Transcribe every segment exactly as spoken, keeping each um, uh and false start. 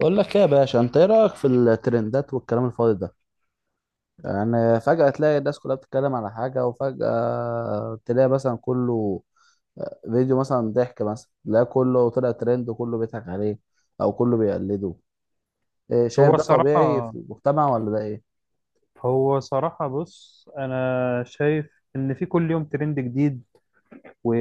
بقول لك ايه يا باشا، انت ايه رايك في الترندات والكلام الفاضي ده؟ يعني فجاه تلاقي الناس كلها بتتكلم على حاجه، وفجاه تلاقي مثلا كله آه، فيديو مثلا ضحك، مثلا لا كله طلع ترند وكله بيضحك عليه او كله بيقلده. إيه شايف هو ده طبيعي صراحة في المجتمع ولا ده ايه؟ هو صراحة بص أنا شايف إن في كل يوم ترند جديد، و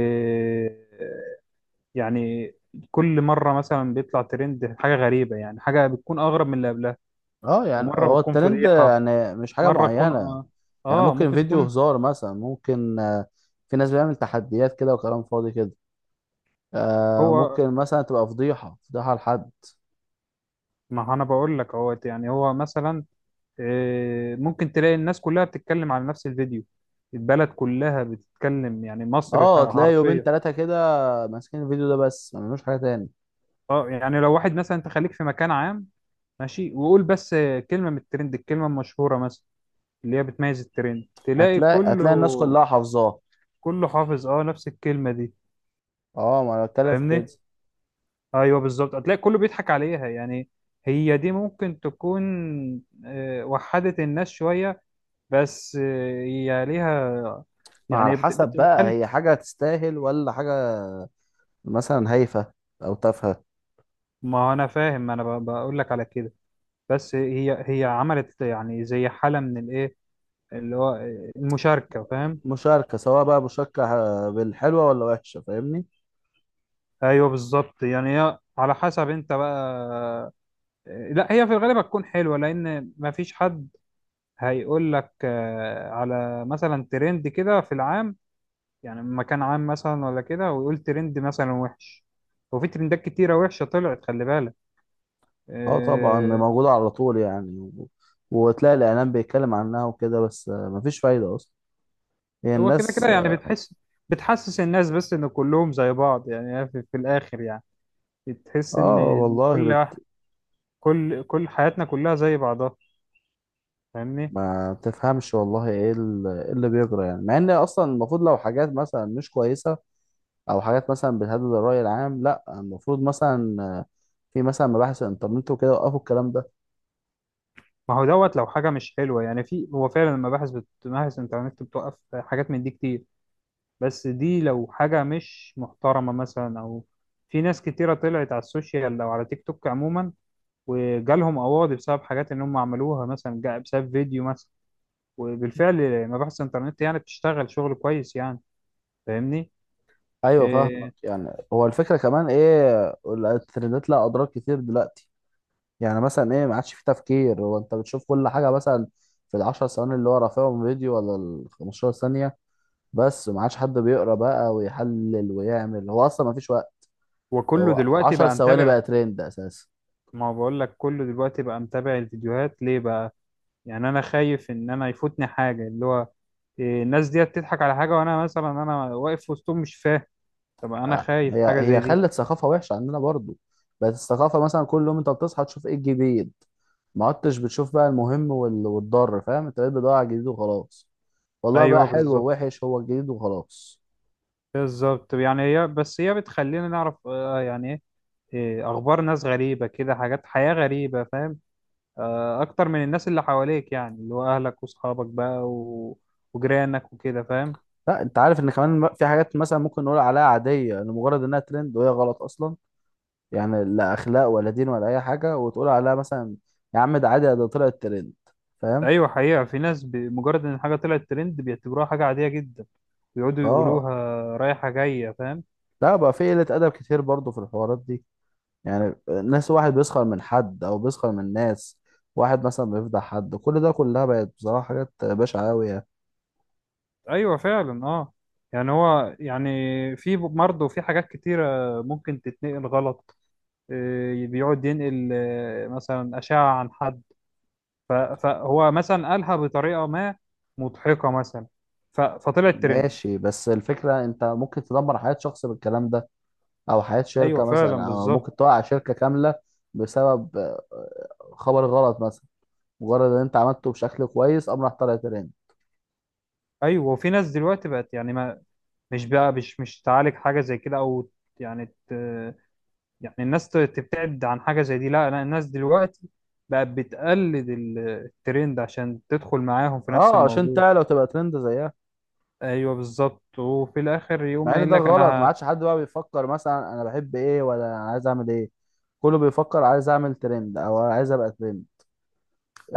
يعني كل مرة مثلا بيطلع ترند حاجة غريبة، يعني حاجة بتكون أغرب من اللي قبلها. اه يعني ومرة هو بتكون الترند فضيحة، يعني مش حاجه مرة تكون معينه. آه يعني آه، ممكن ممكن فيديو تكون. هزار مثلا، ممكن آه، في ناس بيعمل تحديات كده وكلام فاضي كده. آه، هو ممكن مثلا تبقى فضيحه فضيحه لحد. ما أنا بقول لك أهوت، يعني هو مثلا آه، ممكن تلاقي الناس كلها بتتكلم على نفس الفيديو، البلد كلها بتتكلم، يعني مصر اه تلاقي يومين حرفيا. ثلاثة كده ماسكين الفيديو ده بس ما بيعملوش حاجة تاني. اه يعني لو واحد مثلا، انت خليك في مكان عام ماشي وقول بس كلمة من الترند، الكلمة المشهورة مثلا اللي هي بتميز الترند، تلاقي هتلاقي هتلاقي كله، الناس كلها حافظاه. كله حافظ اه نفس الكلمة دي. اه ما انا بتكلم في فاهمني؟ كده. ايوه بالظبط، هتلاقي كله بيضحك عليها يعني. هي دي ممكن تكون آه، وحدت الناس شوية، بس آه، هي ليها ما على يعني بت- حسب بت- بقى، بتخلي. هي حاجة تستاهل ولا حاجة. مثلا هايفة أو تافهة. ما انا فاهم، ما انا ب- بقول لك على كده، بس هي هي عملت يعني زي حالة من الايه، اللي هو المشاركة. فاهم؟ مشاركة، سواء بقى مشاركة آه، بالحلوة ولا وحشة، فاهمني. ايوه بالظبط، يعني هي على حسب انت بقى. لا، هي في الغالب هتكون حلوه لان مفيش حد هيقول لك آه، على مثلا ترند كده في العام، يعني مكان عام مثلا ولا كده، ويقول ترند مثلا وحش. وفي ترندات كتيره وحشه طلعت، خلي بالك. اه طبعا آه، موجودة على طول، يعني و... وتلاقي الإعلام بيتكلم عنها وكده، بس آه، مفيش فايدة أصلا. هي هو كده كده الناس. يعني بتحس، بتحسس الناس بس ان كلهم زي بعض، يعني هي في, في الاخر يعني بتحس ان اه إن كل والله واحد- كل كل حياتنا كلها زي بعضها. فاهمني؟ ما تفهمش والله ايه ال- إيه اللي بيجرى يعني، مع ان اصلا المفروض لو حاجات مثلا مش كويسه، او حاجات مثلا بتهدد الراي العام، لا المفروض مثلا آه، في مثلا مباحث الانترنت وكده وقفوا الكلام ده. ما هو دوت لو حاجة مش حلوة، يعني في، هو فعلا المباحث بت- مباحث الإنترنت بتوقف حاجات من دي كتير. بس دي لو حاجة مش محترمة مثلا، أو في ناس كتيرة طلعت على السوشيال أو على تيك توك عموما وجالهم قواضي بسبب حاجات إن هم عملوها، مثلا جا- بسبب فيديو مثلا. وبالفعل مباحث الإنترنت يعني بتشتغل شغل كويس يعني. فاهمني؟ ايوه فاهمك. إيه. يعني هو الفكره كمان ايه؟ الترندات لها اضرار كتير دلوقتي. يعني مثلا ايه، ما عادش في تفكير. هو انت بتشوف كل حاجه مثلا في العشر ثواني اللي هو رافعهم فيديو، ولا ال خمستاشر ثانيه. بس ما عادش حد بيقرا بقى ويحلل ويعمل، هو اصلا ما فيش. وكله هو دلوقتي عشرة بقى ثواني متابع. بقى ترند اساسا. ما هو بقول لك كله دلوقتي بقى متابع الفيديوهات، ليه بقى؟ يعني انا خايف ان انا يفوتني حاجه، اللي هو إيه، الناس ديت تضحك على حاجه وانا مثلا انا واقف وسطهم مش فاهم. طب انا آه، خايف هي حاجه زي هي دي. خلت ثقافه وحشه عندنا برضو. بقت الثقافه مثلا كل يوم انت بتصحى تشوف ايه الجديد. ما عدتش بتشوف بقى المهم وال- والضار، فاهم؟ انت بقيت بتدور على الجديد وخلاص. والله بقى ايوه حلو بالظبط، ووحش، هو الجديد وخلاص. بالظبط. طب يعني هي، بس هي بتخلينا نعرف آه، يعني ايه، إيه، اخبار ناس غريبه كده، حاجات حياه غريبه فاهم، آه، اكتر من الناس اللي حواليك، يعني اللي هو اهلك واصحابك بقى و... وجيرانك وكده فاهم. لا انت عارف ان كمان في حاجات مثلا ممكن نقول عليها عاديه لمجرد انها ترند وهي غلط اصلا. يعني لا اخلاق ولا دين ولا اي حاجه، وتقول عليها مثلا يا عم ده عادي، ده طلعت ترند، فاهم؟ ايوه حقيقه، في ناس بمجرد ان حاجه طلعت ترند بيعتبروها حاجه عاديه جدا، بيقعدوا اه يقولوها رايحه جايه، فاهم؟ لا بقى، في قله ادب كتير برضو في الحوارات دي. يعني ناس، واحد بيسخر من حد او بيسخر من ناس، واحد مثلا بيفضح حد، كل ده كلها بقت بصراحة حاجات بشعة أوي يعني. ايوه فعلا اه. يعني هو يعني في مرض وفي حاجات كتيرة ممكن تتنقل غلط. إيه، بيقعد ينقل آه، مثلا أشعة عن حد، ف- فهو مثلا قالها بطريقة ما مضحكة مثلا، ف- فطلعت ترند. ماشي، بس الفكرة انت ممكن تدمر حياة شخص بالكلام ده، او حياة ايوه شركة فعلا مثلا، او بالظبط. ممكن توقع شركة كاملة بسبب آه، خبر غلط مثلا، مجرد ان انت عملته بشكل كويس قام راح طالع ترند. ايوه وفي ناس دلوقتي بقت يعني ما، مش بقى مش مش تعالج حاجة زي كده او يعني ت... يعني الناس ت- تبتعد عن حاجة زي دي. لا، لا، الناس دلوقتي بقت بتقلد ال- الترند عشان تدخل معاهم في نفس اه عشان الموضوع. تعلى وتبقى ترند زيها. ايوه بالظبط، وفي الاخر يقوم مع ان قايل ده لك غلط، ما انا ه- عادش حد بقى بيفكر مثلا انا بحب ايه ولا أنا عايز اعمل ايه. كله بيفكر عايز اعمل ترند او عايز ابقى ترند.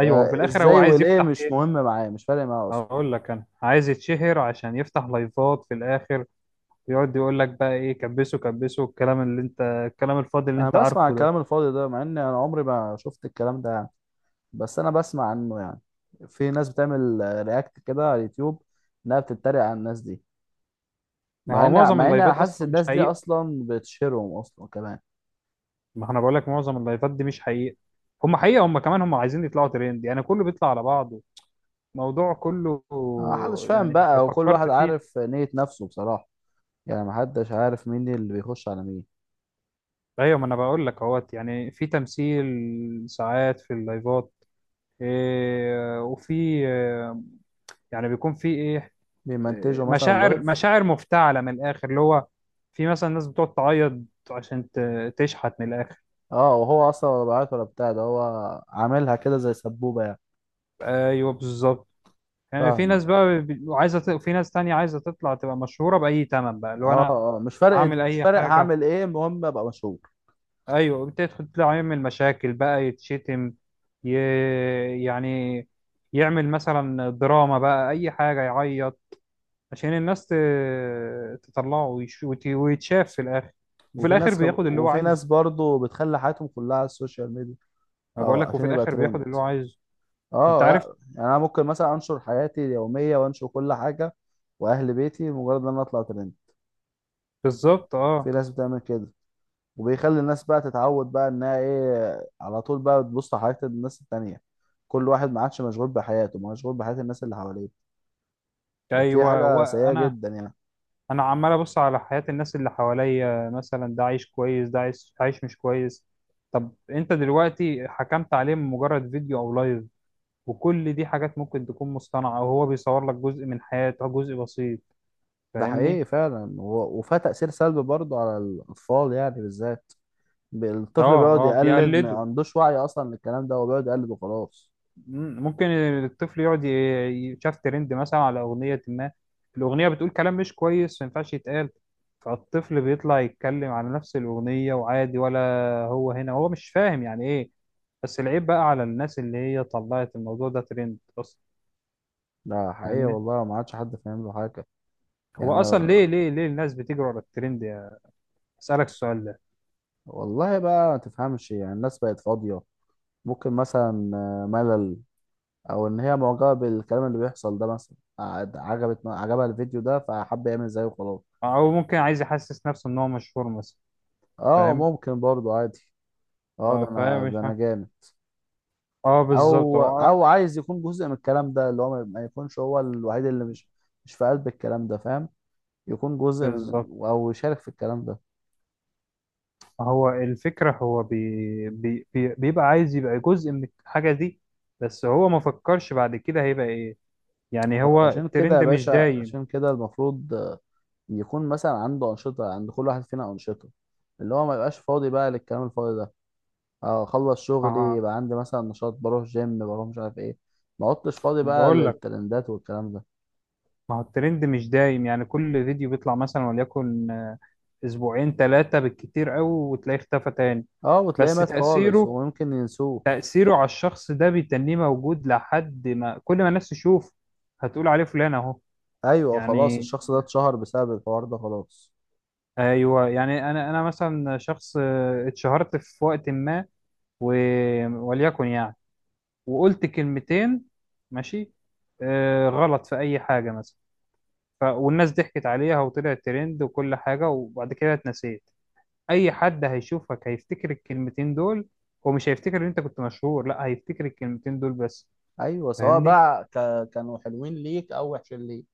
ايوه وفي الاخر هو ازاي عايز والايه يفتح مش ايه، مهم معايا، مش فارق معايا اصلا. هقول لك انا عايز يتشهر عشان يفتح لايفات في الاخر. ويقعد يقول لك بقى ايه، كبسه كبسه، الكلام اللي انت الكلام الفاضي اللي انا انت بسمع عارفه ده. الكلام الفاضي ده، مع ان انا عمري ما شفت الكلام ده يعني. بس انا بسمع عنه يعني. في ناس بتعمل آه، رياكت كده على اليوتيوب، انها بتتريق على الناس دي، ما مع هو ان معظم مع ان انا اللايفات حاسس اصلا مش الناس دي حقيقه. اصلا بتشهرهم اصلا كمان. ما انا بقول لك معظم اللايفات دي مش حقيقه. هم حقيقه، هم كمان هم عايزين يطلعوا ترند، يعني كله بيطلع على بعضه الموضوع كله. ما حدش فاهم يعني لو بقى، وكل فكرت واحد فيه. عارف نية نفسه بصراحة. يعني ما حدش عارف مين اللي بيخش على مين. ايوه ما انا بقول لك اهوت، يعني في تمثيل ساعات في اللايفات، إيه، وفي إيه، يعني بيكون في ايه، إيه، بيمنتجوا مثلا مشاعر لايف. مشاعر مفتعله من الاخر، اللي هو في مثلا ناس بتقعد تعيط عشان ت- تشحت من الاخر. اه، وهو اصلا ولا بعت ولا بتاع ده. هو عاملها كده زي سبوبة يعني. ايوه بالظبط. يعني في فاهمة. ناس بقى بي- عايزه ت- في ناس تانية عايزه تطلع تبقى مشهوره باي تمن بقى، اللي هو اه انا اه، مش فارق اعمل مش اي فارق، حاجه. هعمل ايه المهم ابقى مشهور. ايوه بتدخل تطلع يعمل مشاكل بقى يتشتم، ي... يعني يعمل مثلا دراما بقى، اي حاجه يعيط عشان الناس ت- تطلعه ويش- وت- ويتشاف في الاخر. وفي وفي الاخر ناس خب... بياخد اللي هو وفي عايزه. ناس برضو بتخلي حياتهم كلها على السوشيال ميديا. ما بقول اه لك عشان وفي يبقى الاخر ترند. بياخد اللي هو عايزه، انت اه عارف. لا يعني انا ممكن مثلا انشر حياتي اليوميه وانشر كل حاجه واهل بيتي، مجرد ان انا اطلع ترند. بالظبط في اه. ناس بتعمل كده. وبيخلي الناس بقى تتعود بقى انها ايه، على طول بقى بتبص على حياة الناس التانية. كل واحد ما عادش مشغول بحياته، مشغول بحياة الناس اللي حواليه. دي ايوه هو حاجة سيئة انا جدا يعني. انا عمال ابص على حياة الناس اللي حواليا، مثلا ده عايش كويس، ده عايش عايش مش كويس. طب انت دلوقتي حكمت عليه من مجرد فيديو او لايف، وكل دي حاجات ممكن تكون مصطنعة، وهو بيصور لك جزء من حياته، جزء بسيط. ده فاهمني؟ حقيقي فعلا، و- وفيها تأثير سلبي برضه على الأطفال يعني بالذات. ب- اه، الطفل بيقعد اه يقلد، ما بيقلده. عندوش وعي أصلا للكلام ده، هو بيقعد يقلد وخلاص. مم، ممكن الطفل يقعد ي- ي- شاف ترند مثلا على أغنية ما، الأغنية بتقول كلام مش كويس ما ينفعش يتقال، فالطفل بيطلع يتكلم على نفس الأغنية وعادي ولا. هو هنا هو مش فاهم يعني إيه. بس العيب بقى على الناس اللي هي طلعت الموضوع ده ترند أصلا. ده حقيقي فاهمني؟ والله، ما عادش حد فاهم له حاجة هو يعني. أصلا ليه ليه ليه الناس بتجري ورا الترند؟ يا أسألك السؤال ده. والله بقى ما تفهمش، يعني الناس بقت فاضية. ممكن مثلا آه، ملل، أو إن هي معجبة بالكلام اللي بيحصل ده. مثلا قعد- عجبت عجبها الفيديو ده فحب يعمل زيه وخلاص. أو ممكن عايز يحسس نفسه إن هو مشهور مثلا. اه فاهم؟ ممكن برضه عادي. اه اه ده فاهم، انا مش ده انا ها. جامد. اه بالظبط او هو آه، او عايز يكون جزء من الكلام ده، اللي هو ما ما يكونش هو الوحيد اللي مش مش في قلب الكلام ده، فاهم؟ يكون جزء من، بالظبط. او يشارك في الكلام ده. هو الفكرة، هو بي بي بي بيبقى عايز يبقى جزء من الحاجة دي. بس هو ما فكرش بعد كده هيبقى ايه، يعني هو هو عشان كده الترند يا مش باشا، دايم. عشان كده المفروض آه، يكون مثلا عنده انشطه. عند كل واحد فينا انشطه، اللي هو ما يبقاش فاضي بقى للكلام الفاضي ده. آه، اخلص شغلي، اه يبقى عندي مثلا نشاط، بروح جيم، بروح مش عارف ايه. ما عدتش فاضي انا بقى بقول لك، للترندات والكلام ده. ما هو الترند مش دايم، يعني كل فيديو بيطلع مثلا وليكن آه، اسبوعين ثلاثة بالكتير قوي وتلاقيه اختفى تاني. اه وتلاقيه بس مات خالص تأثيره ويمكن ينسوه. تأثيره على الشخص ده بيتنيه موجود لحد ما، كل ما الناس تشوف هتقول عليه فلان اهو. ايوه خلاص، يعني الشخص ده اتشهر بسبب الحوار ده خلاص. ايوه يعني انا انا مثلا شخص آه، اتشهرت في وقت ما، و... وليكن يعني، وقلت كلمتين ماشي، آه غلط في أي حاجة مثلا، ف... والناس ضحكت عليها وطلع ترند وكل حاجة، وبعد كده اتنسيت. أي حد هيشوفك هيفتكر الكلمتين دول، هو مش هيفتكر إن أنت كنت مشهور، لا هيفتكر الكلمتين دول بس. ايوه سواء فاهمني؟ بقى ك... كانوا حلوين ليك او وحشين ليك.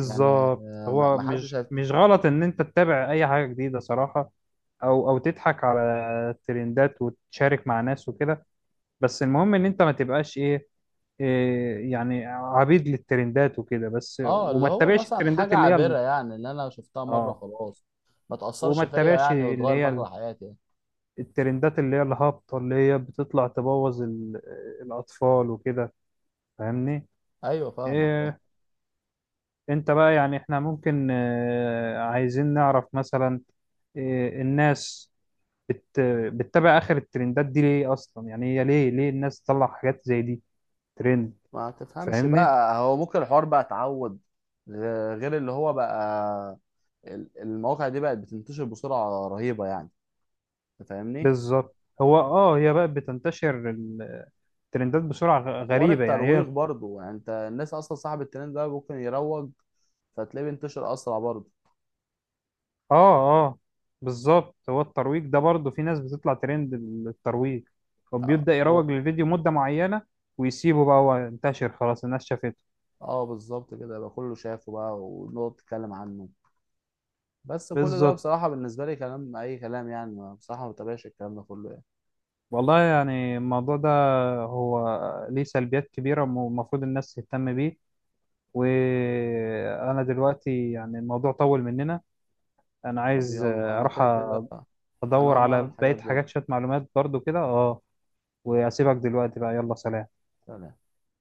يعني ما هو ما حدش مش هيف... مش غلط إن أنت تتابع أي حاجة جديدة صراحة، أو أو تضحك على الترندات وتشارك مع ناس وكده. بس المهم إن أنت ما تبقاش إيه، إيه يعني عبيد للترندات وكده بس، اه اللي وما هو تتابعش مثلا الترندات حاجه اللي هي ال- عابره يعني، اللي انا شفتها مره اه. خلاص ما تاثرش وما فيا تتابعش يعني، اللي وتغير هي مجرى ال- حياتي يعني. الترندات اللي هي الهابطة اللي هي بتطلع تبوظ ال- الأطفال وكده. فاهمني؟ ايوه فاهمك فاهم. إيه. انت بقى يعني احنا ممكن آه، عايزين نعرف مثلا إيه الناس بت... بتتابع آخر الترندات دي ليه أصلا، يعني هي ليه، ليه الناس تطلع حاجات زي دي ترند. ما تفهمش فاهمني؟ بقى. هو ممكن الحوار بقى اتعود، غ- غير اللي هو بقى ال- المواقع دي بقت بتنتشر بسرعه رهيبه يعني. أنت فاهمني. بالظبط. هو اه، هي بقى بتنتشر ترندات بسرعة غ- حوار غريبة يعني هي الترويج اه. برضو، يعني انت الناس اصلا صاحب الترند ده ممكن يروج، فتلاقيه بينتشر اسرع برضو. اه بالظبط، هو الترويج ده برضه، في ناس بتطلع ترند، الترويج، وبيبدأ هو يروج للفيديو مدة معينة ويسيبه بقى هو انتشر خلاص، الناس شافته. اه بالظبط كده، يبقى كله شافه بقى ونقعد نتكلم عنه. بس كل ده بالظبط. بصراحة بالنسبة لي كلام أي كلام يعني، ما- بصراحة ما بتابعش الكلام ده كله يعني. والله يعني الموضوع ده هو ليه سلبيات كبيرة، والمفروض الناس تهتم بيه. وأنا دلوقتي يعني الموضوع طول مننا، أنا طب عايز يلا أنا أروح كده كده أنا أدور هقوم على أعمل بقية حاجات برضه. حاجات شوية معلومات برضو كده اه. وأسيبك دلوقتي بقى، يلا سلام. سلام.